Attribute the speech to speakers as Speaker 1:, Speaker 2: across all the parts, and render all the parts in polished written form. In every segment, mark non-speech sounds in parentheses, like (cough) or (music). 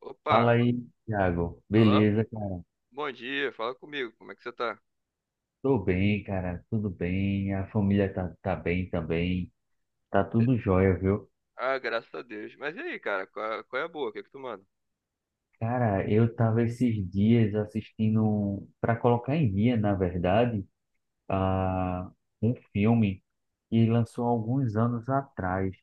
Speaker 1: Opa,
Speaker 2: Fala aí, Thiago.
Speaker 1: alô?
Speaker 2: Beleza, cara?
Speaker 1: Bom dia, fala comigo, como é que você tá?
Speaker 2: Tô bem, cara. Tudo bem. A família tá bem também. Tá tudo jóia, viu?
Speaker 1: Ah, graças a Deus. Mas e aí, cara, qual é a boa? O que é que tu manda?
Speaker 2: Cara, eu tava esses dias assistindo, para colocar em dia, na verdade, a um filme que lançou alguns anos atrás,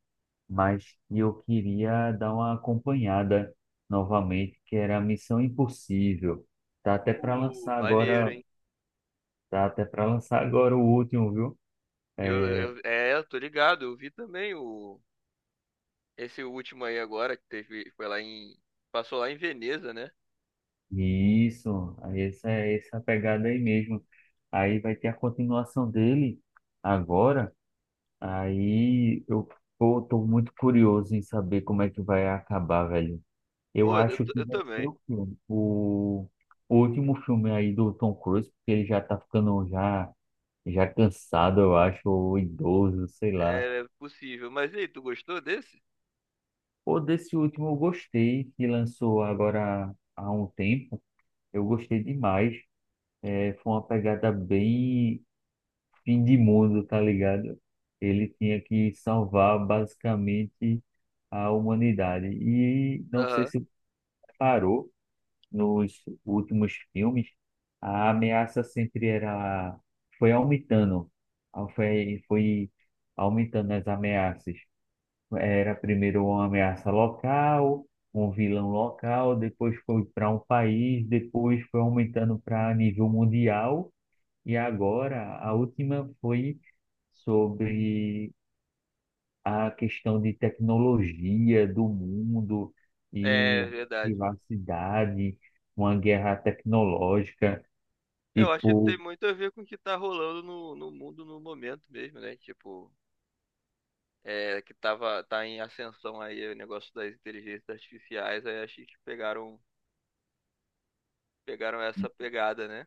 Speaker 2: mas que eu queria dar uma acompanhada novamente, que era Missão Impossível. Tá até para lançar
Speaker 1: Maneiro,
Speaker 2: agora,
Speaker 1: hein?
Speaker 2: tá até para lançar agora o último, viu?
Speaker 1: Eu,
Speaker 2: É.
Speaker 1: eu tô ligado, eu vi também o esse último aí agora que teve, passou lá em Veneza, né?
Speaker 2: Isso, aí essa é essa pegada aí mesmo. Aí vai ter a continuação dele agora. Aí eu pô, tô muito curioso em saber como é que vai acabar, velho. Eu
Speaker 1: Pô, eu,
Speaker 2: acho
Speaker 1: t-
Speaker 2: que
Speaker 1: eu
Speaker 2: vai ser
Speaker 1: também.
Speaker 2: o filme, o último filme aí do Tom Cruise, porque ele já tá ficando já cansado, eu acho, ou idoso, sei lá.
Speaker 1: É possível. Mas e aí, tu gostou desse?
Speaker 2: Ou desse último eu gostei, que lançou agora há um tempo. Eu gostei demais. É, foi uma pegada bem fim de mundo, tá ligado? Ele tinha que salvar basicamente a humanidade. E não sei
Speaker 1: Aham.
Speaker 2: se parou nos últimos filmes. A ameaça sempre era foi aumentando. Ah, foi aumentando as ameaças. Era primeiro uma ameaça local, um vilão local, depois foi para um país, depois foi aumentando para nível mundial. E agora, a última foi sobre a questão de tecnologia do mundo e
Speaker 1: É
Speaker 2: a
Speaker 1: verdade.
Speaker 2: privacidade, uma guerra tecnológica.
Speaker 1: Eu acho que tem
Speaker 2: Tipo,
Speaker 1: muito a ver com o que tá rolando no mundo no momento mesmo, né? Tipo, tá em ascensão aí o negócio das inteligências artificiais, aí acho que pegaram essa pegada, né?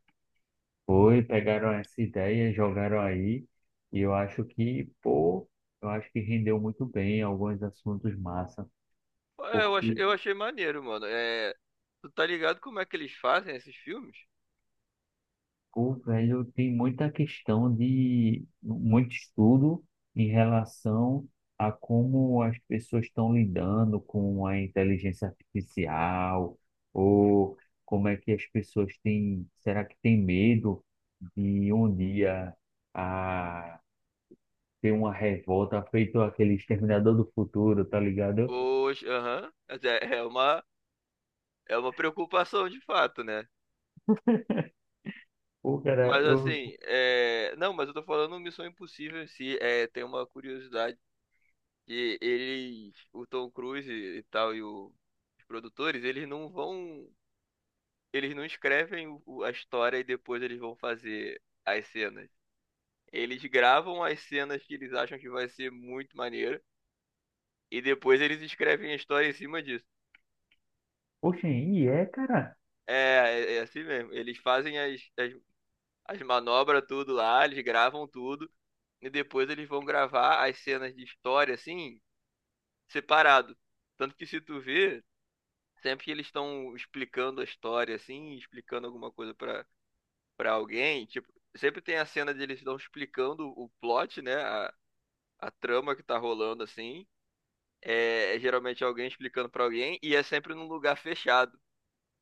Speaker 2: foi, pegaram essa ideia, jogaram aí, e eu acho que, pô, eu acho que rendeu muito bem alguns assuntos massa,
Speaker 1: Pô, Eu achei,
Speaker 2: porque
Speaker 1: eu achei maneiro, mano. É, tu tá ligado como é que eles fazem esses filmes?
Speaker 2: pô, velho, tem muita questão de muito estudo em relação a como as pessoas estão lidando com a inteligência artificial, ou como é que as pessoas será que tem medo de um dia a ter uma revolta feito aquele Exterminador do Futuro, tá ligado?
Speaker 1: Aham. Mas é uma preocupação de fato, né?
Speaker 2: Pô, cara,
Speaker 1: Mas assim, não, mas eu tô falando Missão Impossível em si, tem uma curiosidade que eles, o Tom Cruise e tal, os produtores, eles não escrevem a história e depois eles vão fazer as cenas. Eles gravam as cenas que eles acham que vai ser muito maneiro e depois eles escrevem a história em cima disso.
Speaker 2: poxa, e é, cara?
Speaker 1: É, é assim mesmo. Eles fazem as manobras tudo lá, eles gravam tudo e depois eles vão gravar as cenas de história assim, separado. Tanto que se tu vê, sempre que eles estão explicando a história assim, explicando alguma coisa pra alguém, tipo, sempre tem a cena de eles estão explicando o plot, né? A trama que tá rolando assim. É geralmente alguém explicando pra alguém e é sempre num lugar fechado.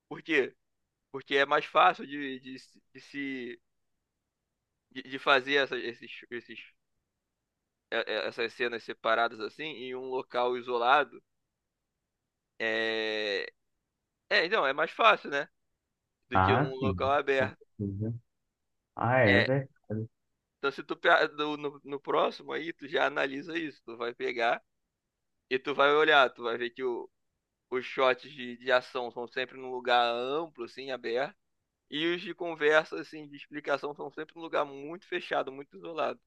Speaker 1: Por quê? Porque é mais fácil de, se- de se de, de fazer é- essas cenas separadas assim em um local isolado. É, então, é mais fácil, né? Do que
Speaker 2: Ah,
Speaker 1: um local
Speaker 2: sim, com
Speaker 1: aberto.
Speaker 2: certeza. Ah, é
Speaker 1: É,
Speaker 2: verdade.
Speaker 1: então se no próximo aí, tu já analisa isso, tu vai pegar. E tu vai olhar, tu vai ver que os shots de ação são sempre num lugar amplo, assim, aberto. E os de conversa, assim, de explicação são sempre num lugar muito fechado, muito isolado.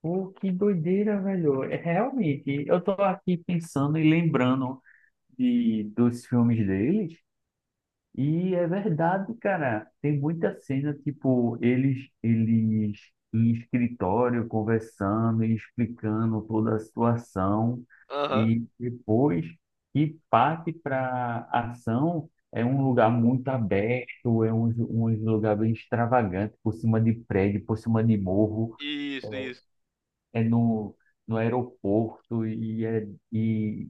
Speaker 2: Pô, que doideira, velho. É, realmente, eu tô aqui pensando e lembrando dos filmes deles, e é verdade, cara. Tem muita cena, tipo, eles em escritório conversando e explicando toda a situação,
Speaker 1: Aham.
Speaker 2: e depois que parte para ação, é um lugar muito aberto, é um lugar bem extravagante, por cima de prédio, por cima de morro,
Speaker 1: Isso, isso.
Speaker 2: é no aeroporto e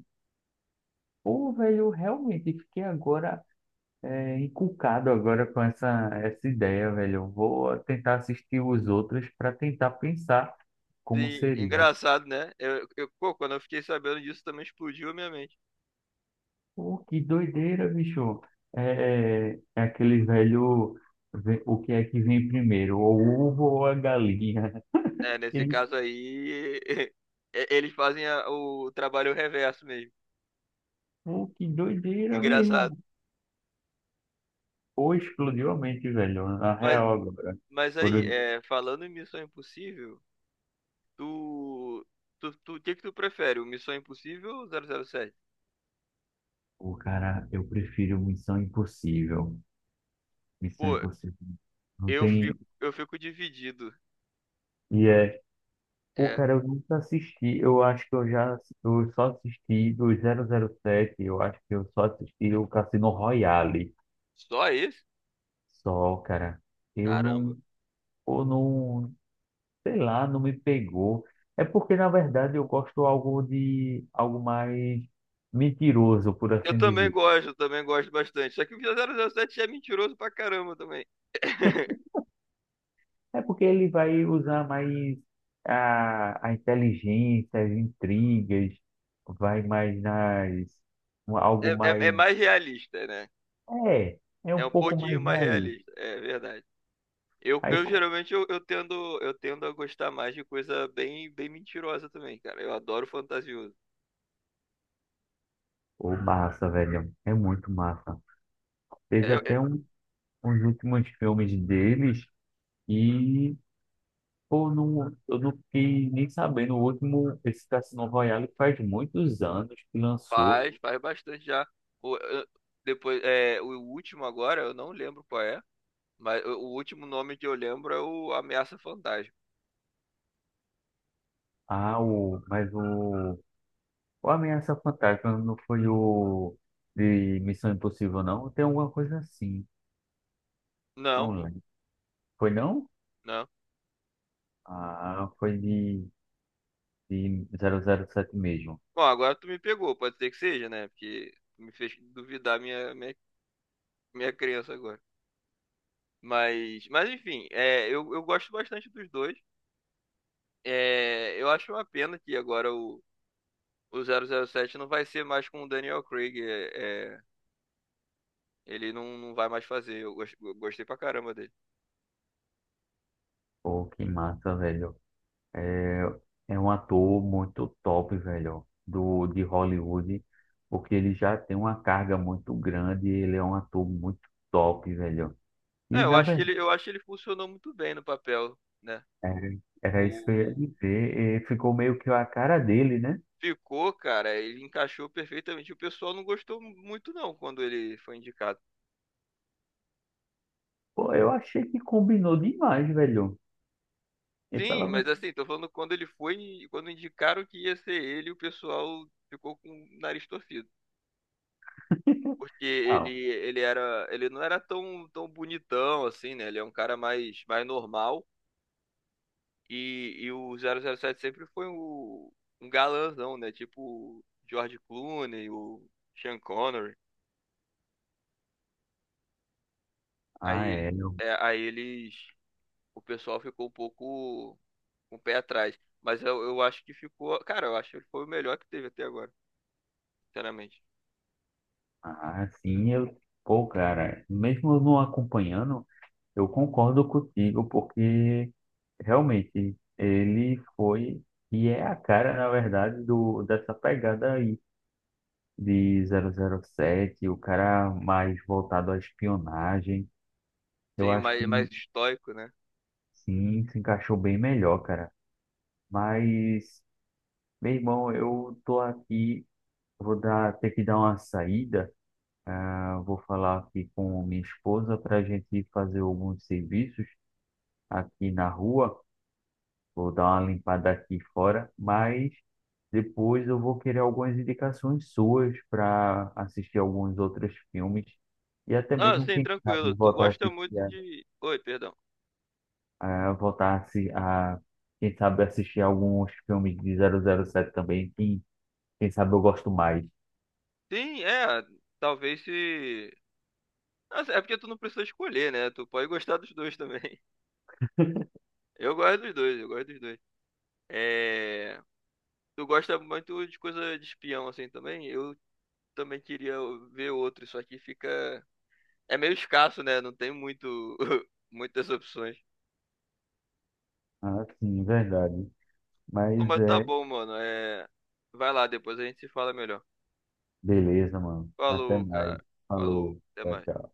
Speaker 2: pô, velho, eu realmente fiquei agora encucado agora com essa ideia, velho. Eu vou tentar assistir os outros para tentar pensar como
Speaker 1: Sim,
Speaker 2: seria.
Speaker 1: engraçado, né? Pô, quando eu fiquei sabendo disso também explodiu a minha mente.
Speaker 2: Pô, que doideira, bicho. É, é aquele velho, o que é que vem primeiro, o ovo ou a galinha?
Speaker 1: É,
Speaker 2: (laughs)
Speaker 1: nesse
Speaker 2: Ele,
Speaker 1: caso aí, (laughs) eles fazem o trabalho reverso mesmo.
Speaker 2: Pô, que
Speaker 1: É
Speaker 2: doideira
Speaker 1: engraçado.
Speaker 2: mesmo. Pô, explodiu a mente, velho, na
Speaker 1: Mas,
Speaker 2: real agora.
Speaker 1: mas
Speaker 2: Por
Speaker 1: aí, falando em Missão Impossível, tu, o que que tu prefere, o Missão Impossível ou 007?
Speaker 2: Pô, cara, eu prefiro Missão Impossível. Missão
Speaker 1: Pô,
Speaker 2: Impossível. Não
Speaker 1: Eu
Speaker 2: tem.
Speaker 1: fico, eu fico dividido.
Speaker 2: E é. Pô,
Speaker 1: É,
Speaker 2: cara, eu nunca assisti. Eu acho que eu já. Eu só assisti do 007. Eu acho que eu só assisti o Cassino Royale.
Speaker 1: Só esse?
Speaker 2: Só, cara. Eu
Speaker 1: Caramba.
Speaker 2: não. Ou não. Sei lá, não me pegou. É porque, na verdade, eu gosto algo de. Algo mais mentiroso, por
Speaker 1: Eu
Speaker 2: assim
Speaker 1: também
Speaker 2: dizer.
Speaker 1: gosto, eu também gosto bastante. Só que o 007 é mentiroso pra caramba também. (laughs)
Speaker 2: É porque ele vai usar mais a inteligência, as intrigas, vai mais nas.
Speaker 1: É,
Speaker 2: Algo
Speaker 1: é, é
Speaker 2: mais.
Speaker 1: mais realista, né?
Speaker 2: É, é
Speaker 1: É
Speaker 2: um
Speaker 1: um
Speaker 2: pouco
Speaker 1: pouquinho
Speaker 2: mais
Speaker 1: mais
Speaker 2: ali.
Speaker 1: realista, é verdade.
Speaker 2: Aí,
Speaker 1: Eu
Speaker 2: co-
Speaker 1: geralmente eu tendo a gostar mais de coisa bem bem mentirosa também, cara. Eu adoro fantasioso.
Speaker 2: Ô, massa, velho. É muito massa.
Speaker 1: É,
Speaker 2: Teve
Speaker 1: é-
Speaker 2: até uns últimos filmes deles e, pô, não, eu não fiquei nem sabendo. O último, esse Cassino Royale, faz muitos anos que lançou.
Speaker 1: faz bastante já. O, eu- Depois, o último agora eu não lembro qual é. Mas o último nome que eu lembro é o Ameaça Fantasma.
Speaker 2: Ah, mas o Ameaça Fantástica não foi o de Missão Impossível, não? Tem alguma coisa assim. Não
Speaker 1: Não, pô,
Speaker 2: lembro. Foi não?
Speaker 1: não.
Speaker 2: Ah, foi de 007 mesmo.
Speaker 1: Bom, agora tu me pegou, pode ser que seja, né? Porque tu me fez duvidar minha crença agora. Mas enfim, eu gosto bastante dos dois. Eu acho uma pena que agora o 007 não vai ser mais com o Daniel Craig. Ele não vai mais fazer. Eu gostei pra caramba dele.
Speaker 2: Pô, que massa, velho. É, é, um ator muito top, velho, de Hollywood, porque ele já tem uma carga muito grande, ele é um ator muito top, velho.
Speaker 1: É,
Speaker 2: E,
Speaker 1: eu
Speaker 2: na
Speaker 1: acho que
Speaker 2: verdade,
Speaker 1: ele, eu acho que ele funcionou muito bem no papel, né?
Speaker 2: era isso que eu ia
Speaker 1: O,
Speaker 2: dizer, ficou meio que a cara dele, né?
Speaker 1: Ficou, cara, ele encaixou perfeitamente. O pessoal não gostou muito, não, quando ele foi indicado.
Speaker 2: Pô, eu achei que combinou demais, velho. E pelo
Speaker 1: Sim, mas
Speaker 2: menos
Speaker 1: assim, tô falando quando indicaram que ia ser ele, o pessoal ficou com o nariz torcido.
Speaker 2: (laughs)
Speaker 1: Porque
Speaker 2: digital.
Speaker 1: ele não era tão, tão bonitão assim, né? Ele é um cara mais normal. E o 007 sempre foi um galãzão, né? Tipo o George Clooney, o Sean Connery.
Speaker 2: Ah,
Speaker 1: Aí,
Speaker 2: é.
Speaker 1: é, aí eles, O pessoal ficou um pouco com o pé atrás. Mas eu acho que ficou. Cara, eu acho que ele foi o melhor que teve até agora, sinceramente.
Speaker 2: Ah, sim, eu. Pô, cara, mesmo eu não acompanhando, eu concordo contigo, porque realmente ele foi e é a cara, na verdade, dessa pegada aí de 007, o cara mais voltado à espionagem. Eu
Speaker 1: Sim,
Speaker 2: acho que
Speaker 1: mais estoico, né?
Speaker 2: sim, se encaixou bem melhor, cara. Mas, meu irmão, eu tô aqui, ter que dar uma saída. Ah, vou falar aqui com minha esposa para a gente fazer alguns serviços aqui na rua. Vou dar uma limpada aqui fora, mas depois eu vou querer algumas indicações suas para assistir alguns outros filmes e até
Speaker 1: Ah,
Speaker 2: mesmo
Speaker 1: sim,
Speaker 2: quem sabe
Speaker 1: tranquilo. Tu
Speaker 2: voltar a
Speaker 1: gosta
Speaker 2: assistir
Speaker 1: muito de. Oi, perdão.
Speaker 2: a voltar a, se- a quem sabe assistir alguns filmes de 007 também, que quem sabe eu gosto mais.
Speaker 1: Sim, é. Talvez se. Nossa, é porque tu não precisa escolher, né? Tu pode gostar dos dois também. (laughs) Eu gosto dos dois, eu gosto dos dois. É... Tu gosta muito de coisa de espião, assim, também? Eu também queria ver outro, só que fica. É meio escasso, né? Não tem muito. (laughs) Muitas opções.
Speaker 2: Ah, sim, verdade.
Speaker 1: Pô,
Speaker 2: Mas
Speaker 1: mas tá
Speaker 2: é.
Speaker 1: bom, mano. Vai lá, depois a gente se fala melhor.
Speaker 2: Beleza, mano. Até
Speaker 1: Falou,
Speaker 2: mais.
Speaker 1: cara. Falou.
Speaker 2: Falou.
Speaker 1: Até
Speaker 2: Tchau,
Speaker 1: mais.
Speaker 2: tchau.